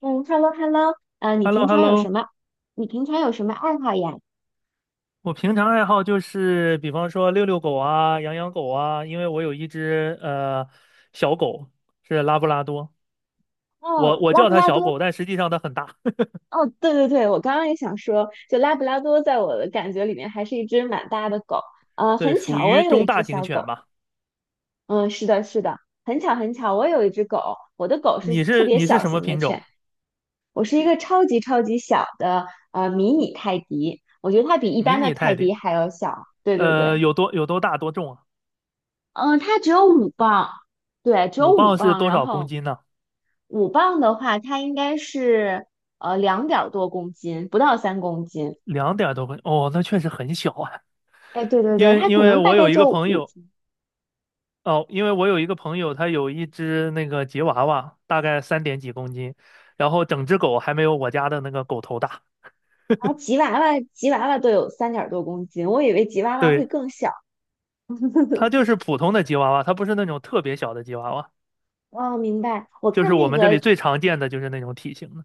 嗯，hello hello，你 h e l l o 平 h e l 常 l o 有什么？你平常有什么爱好呀？我平常爱好就是，比方说遛遛狗啊，养养狗啊，因为我有一只小狗，是拉布拉多。我哦，我拉叫布它拉小多。狗，但实际上它很大。哦，对对对，我刚刚也想说，就拉布拉多在我的感觉里面还是一只蛮大的狗。对，很属巧，我于也有中一大只型小狗。犬吧。嗯，是的，是的，很巧很巧，我有一只狗。我的狗是你特是别你是小什么型的品犬，种？我是一个超级超级小的迷你泰迪，我觉得它比一迷般的你泰泰迪。迪还要小。对对对。有多大多重啊？嗯，它只有五磅。对，只有五五磅是磅，多然少公后斤呢？五磅的话，它应该是两点儿多公斤，不到3公斤。两点多公斤哦，那确实很小啊。哎，对对因对，为它因可为能大我概有一个就朋五友，斤。他有一只那个吉娃娃，大概三点几公斤，然后整只狗还没有我家的那个狗头大。然后吉娃娃，吉娃娃都有三点儿多公斤，我以为吉娃娃会对，更小。它 就是普通的吉娃娃，它不是那种特别小的吉娃娃，哦，明白。我就是看我那们这里个，最常见的就是那种体型的。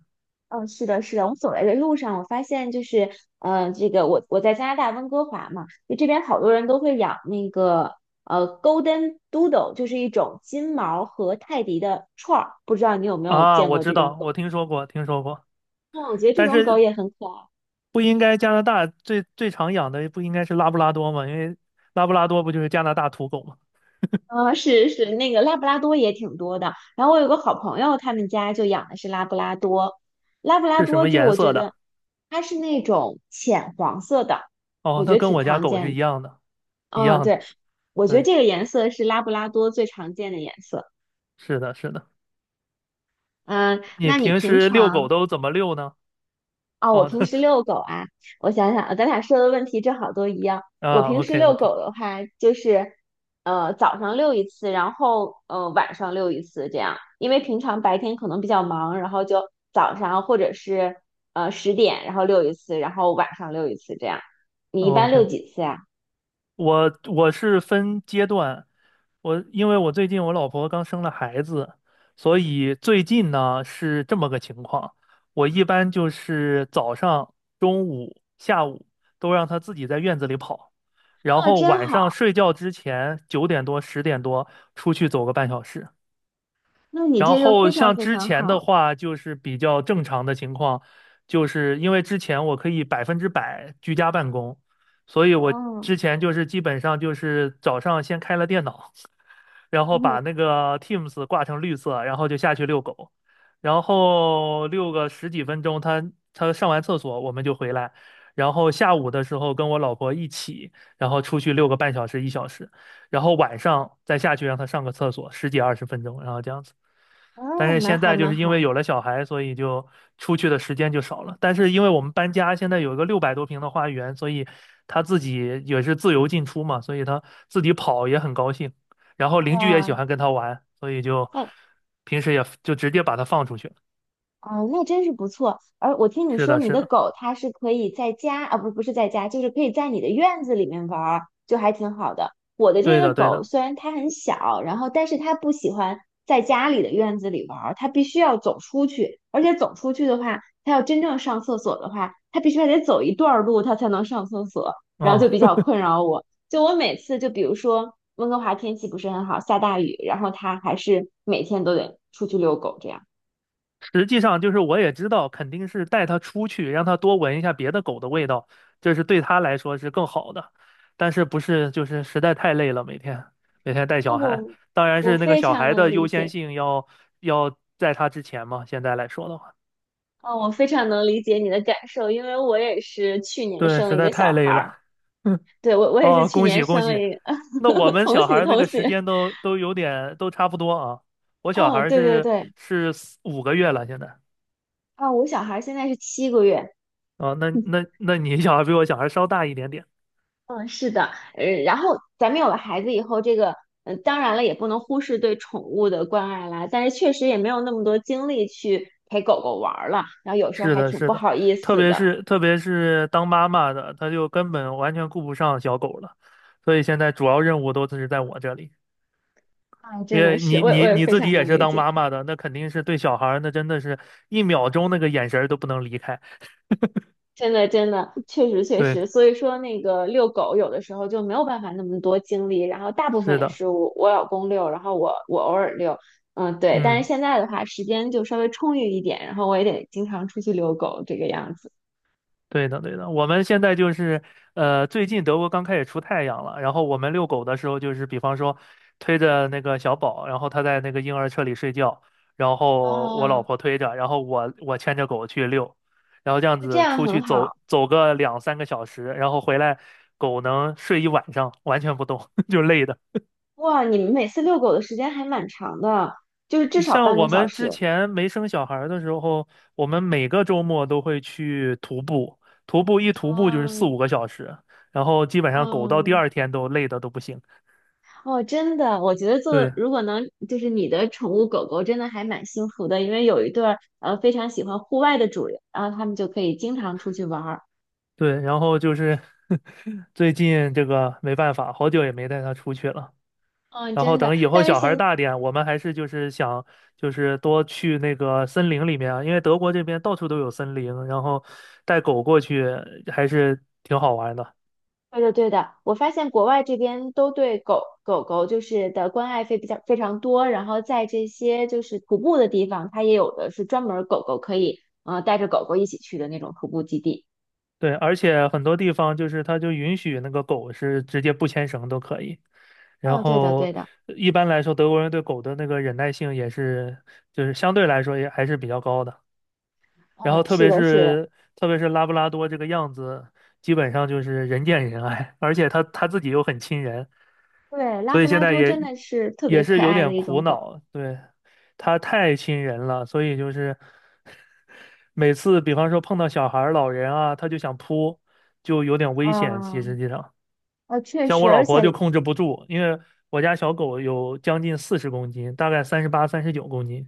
嗯，是的，是的。我走来的路上，我发现就是，这个我在加拿大温哥华嘛，就这边好多人都会养那个Golden Doodle，就是一种金毛和泰迪的串儿。不知道你有没有啊，见我过这知种道，狗？我听说过，听说过。嗯，我觉得这但种狗是也很可爱。不应该加拿大最最常养的不应该是拉布拉多吗？因为拉布拉多不就是加拿大土狗吗？啊，是是，那个拉布拉多也挺多的。然后我有个好朋友，他们家就养的是拉布拉多。拉布拉是什多么就颜我觉色得的？它是那种浅黄色的，哦，我它觉得跟挺我家常狗是见一的。样的，一嗯，样对，的。我觉得对，这个颜色是拉布拉多最常见的颜色。是的，是的。嗯，你那你平平时遛狗常。都怎么遛呢？哦，我哦，平时 遛狗啊，我想想，咱俩说的问题正好都一样。我啊平时，OK 遛 OK 狗的话，就是早上遛一次，然后晚上遛一次这样，因为平常白天可能比较忙，然后就早上或者是10点，然后遛一次，然后晚上遛一次这样。你一般遛 OK。几次呀？我是分阶段。因为我最近我老婆刚生了孩子，所以最近呢是这么个情况。我一般就是早上、中午、下午都让她自己在院子里跑，然啊，后真晚上好，睡觉之前九点多、十点多出去走个半小时。那你然这个后非常像非之常前的好。话，就是比较正常的情况，就是因为之前我可以100%居家办公，所以我哦，之前就是基本上就是早上先开了电脑，然后把哦那个 Teams 挂成绿色，然后就下去遛狗，然后遛个十几分钟，他上完厕所我们就回来，然后下午的时候跟我老婆一起，然后出去遛个半小时一小时，然后晚上再下去让他上个厕所，十几二十分钟，然后这样子。但哦，是蛮现好在就蛮是因好。为有了小孩，所以就出去的时间就少了。但是因为我们搬家，现在有一个600多平的花园，所以他自己也是自由进出嘛，所以他自己跑也很高兴。然后邻居也喜哇。欢跟他玩，所以就那，平时也就直接把他放出去了。哦，那真是不错。而我听你是说，的，你是的的，狗它是可以在家啊，不，不是在家，就是可以在你的院子里面玩儿，就还挺好的。我的这对个的，对狗的。虽然它很小，然后但是它不喜欢在家里的院子里玩儿，它必须要走出去。而且走出去的话，它要真正上厕所的话，它必须还得走一段儿路，它才能上厕所，然后就哦，比较困扰我。就我每次，就比如说温哥华天气不是很好，下大雨，然后它还是每天都得出去遛狗这样。实际上就是我也知道，肯定是带它出去，让它多闻一下别的狗的味道，这是对它来说是更好的。但是不是就是实在太累了，每天带那小孩，我当然我是那个非小常孩能的理优先解，性要在他之前嘛。现在来说的话，啊，我非常能理解你的感受，因为我也是去年对，生了实一在个小太孩累儿，了。嗯。对，我也是哦，去恭年喜恭生了喜！一个。那我 们同小孩喜儿那同个喜。时间都有点都差不多啊。我小孩嗯，儿对对对。是四五个月了，现在啊，我小孩儿现在是7个月。啊。那 你小孩比我小孩稍大一点点。嗯，是的，然后咱们有了孩子以后，这个，嗯，当然了，也不能忽视对宠物的关爱啦，但是确实也没有那么多精力去陪狗狗玩儿了，然后有时候是还的，挺是不的。好意特思别的，是特别是当妈妈的，她就根本完全顾不上小狗了，所以现在主要任务都是在我这里。啊，因真的为是，你我也我你也你非自己常也能是理当解。妈妈的，那肯定是对小孩儿，那真的是一秒钟那个眼神儿都不能离开。真的，真的，确实，确对，实，所以说那个遛狗有的时候就没有办法那么多精力，然后大部分是也的。是我老公遛，然后我偶尔遛。嗯，对，但是嗯。现在的话时间就稍微充裕一点，然后我也得经常出去遛狗这个样子。对的，对的，我们现在就是，最近德国刚开始出太阳了，然后我们遛狗的时候，就是比方说推着那个小宝，然后他在那个婴儿车里睡觉，然后我老哦，婆推着，然后我牵着狗去遛，然后这样那这子样出很去走好。走个两三个小时，然后回来，狗能睡一晚上，完全不动，就累的。哇，你们每次遛狗的时间还蛮长的，就是至少像半个我小们之时。前没生小孩儿的时候，我们每个周末都会去徒步，徒步一徒步就是四哦。五个小时，然后基本上狗到第哦。二天都累得都不行。哦，真的，我觉得做对如果能就是你的宠物狗狗真的还蛮幸福的，因为有一对儿非常喜欢户外的主人，然后他们就可以经常出去玩儿。对，然后就是 最近这个没办法，好久也没带它出去了。嗯，然后真的，等以后但是小孩现。儿大点，我们还是就是想多去那个森林里面啊，因为德国这边到处都有森林，然后带狗过去还是挺好玩的。对的对的，我发现国外这边都对狗狗狗就是的关爱费比较非常多，然后在这些就是徒步的地方，它也有的是专门儿狗狗可以带着狗狗一起去的那种徒步基地。对，而且很多地方就是它就允许那个狗是直接不牵绳都可以。然嗯，对的后对的。一般来说，德国人对狗的那个忍耐性也是，就是相对来说也还是比较高的。然后嗯，特是别的是的。是特别是拉布拉多这个样子，基本上就是人见人爱，而且它自己又很亲人，对，拉所布以现拉在多也真的是特别是可有爱的点一苦种狗。恼。对，它太亲人了，所以就是 每次比方说碰到小孩儿、老人啊，它就想扑，就有点危险。其实啊，实际上，确像实，我老而婆就且，控制不住，因为我家小狗有将近40公斤，大概38、39公斤。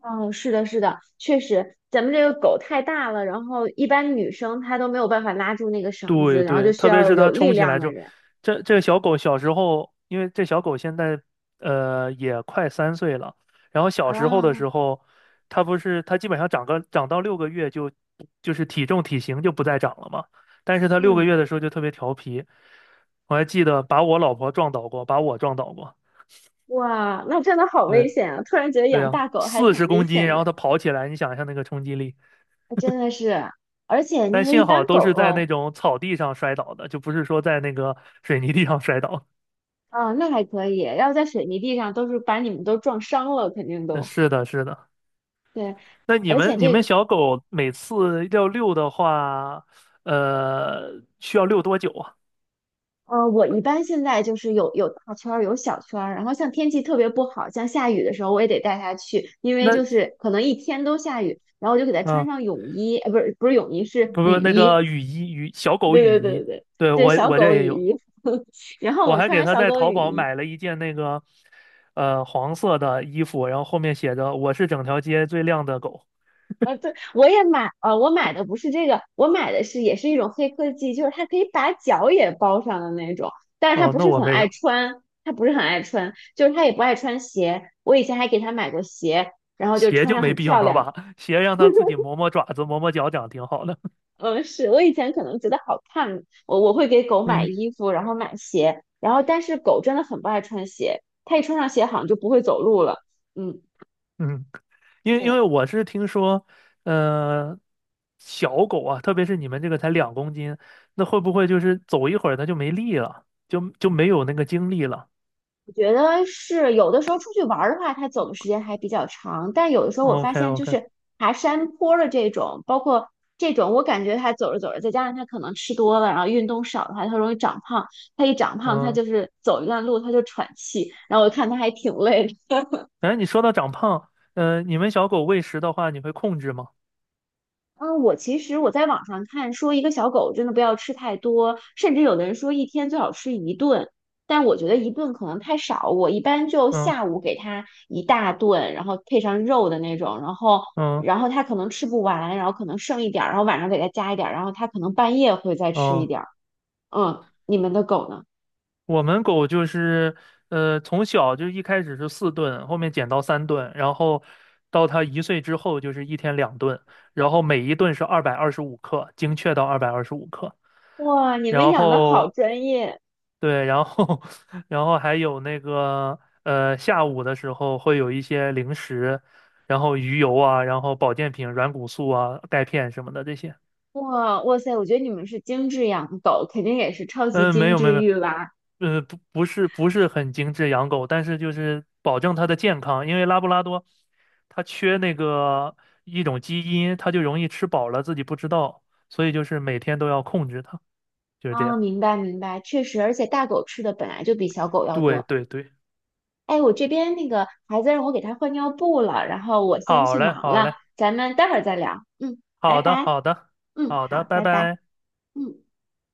嗯，是的，是的，确实，咱们这个狗太大了，然后一般女生她都没有办法拉住那个绳子，对然后就对，需特别要是有它力冲起量来之的后，人。这个小狗小时候，因为这小狗现在也快3岁了，然后小时候的啊。时候，它不是它基本上长个长到六个月就体重体型就不再长了嘛，但是它六个嗯。月的时候就特别调皮，我还记得把我老婆撞倒过，把我撞倒过。哇，那真的好危对险啊！突然觉得对养呀，大狗还四十挺危公斤，险然后的。它跑起来，你想一下那个冲击力。真的是，而且那但个一幸好般都狗是在狗。那种草地上摔倒的，就不是说在那个水泥地上 摔倒。啊，那还可以，要在水泥地上都是把你们都撞伤了，肯定都。是的，是的。对，那你而们且你们这。小狗每次要遛的话，需要遛多久啊？我一般现在就是有大圈儿，有小圈儿，然后像天气特别不好，像下雨的时候，我也得带它去，因为那就是可能一天都下雨，然后我就给它穿啊，上泳衣，不是不是泳衣，是不雨不，那衣。个雨衣雨小 狗对雨对对衣，对对。对对，我小我这狗也雨有。衣。然后我我还穿给上它小在狗淘雨宝衣。买了一件那个黄色的衣服，然后后面写着"我是整条街最靓的狗"。对，我也买，我买的不是这个，我买的是也是一种黑科技，就是它可以把脚也包上的那种，但是它哦，不那是我很没爱有，穿，它不是很爱穿，就是它也不爱穿鞋。我以前还给它买过鞋，然后就鞋穿就上没很必要漂了亮。吧？鞋让它自己磨磨爪子、磨磨脚掌挺好的。嗯，是我以前可能觉得好看，我会给狗 买嗯衣服，然后买鞋，然后但是狗真的很不爱穿鞋，它一穿上鞋好像就不会走路了。嗯，嗯。因为对。我是听说，呃，小狗啊，特别是你们这个才2公斤，那会不会就是走一会儿它就没力了，就没有那个精力了我觉得是有的时候出去玩儿的话，它走的时间还比较长，但有的时候我发？OK 现就 OK。是爬山坡儿的这种，包括这种，我感觉它走着走着，再加上它可能吃多了，然后运动少的话，它容易长胖。它一长胖，它嗯。就是走一段路它就喘气，然后我看它还挺累。哎，你说到长胖，你们小狗喂食的话，你会控制吗？嗯，我其实我在网上看说，一个小狗真的不要吃太多，甚至有的人说一天最好吃一顿，但我觉得一顿可能太少，我一般就嗯下午给它一大顿，然后配上肉的那种，然后嗯然后它可能吃不完，然后可能剩一点儿，然后晚上给它加一点儿，然后它可能半夜会再吃一嗯，点儿。嗯，你们的狗呢？我们狗就是，从小就一开始是4顿，后面减到3顿，然后到它1岁之后就是1天2顿，然后每一顿是二百二十五克，精确到二百二十五克。哇，你们然养的好后专业！对，然后 然后还有那个下午的时候会有一些零食，然后鱼油啊，然后保健品、软骨素啊、钙片什么的这些。哇，哇塞，我觉得你们是精致养狗，肯定也是超级嗯，没精有没致有没育娃。有，不是很精致养狗，但是就是保证它的健康，因为拉布拉多它缺那个一种基因，它就容易吃饱了自己不知道，所以就是每天都要控制它，就是这啊，样。明白明白，确实，而且大狗吃的本来就比小狗要对多。对对，哎，我这边那个孩子让我给他换尿布了，然后我先好去嘞忙好了，嘞。咱们待会儿再聊。嗯，拜好的，拜。好的，嗯，好的，好，拜拜拜。拜。嗯。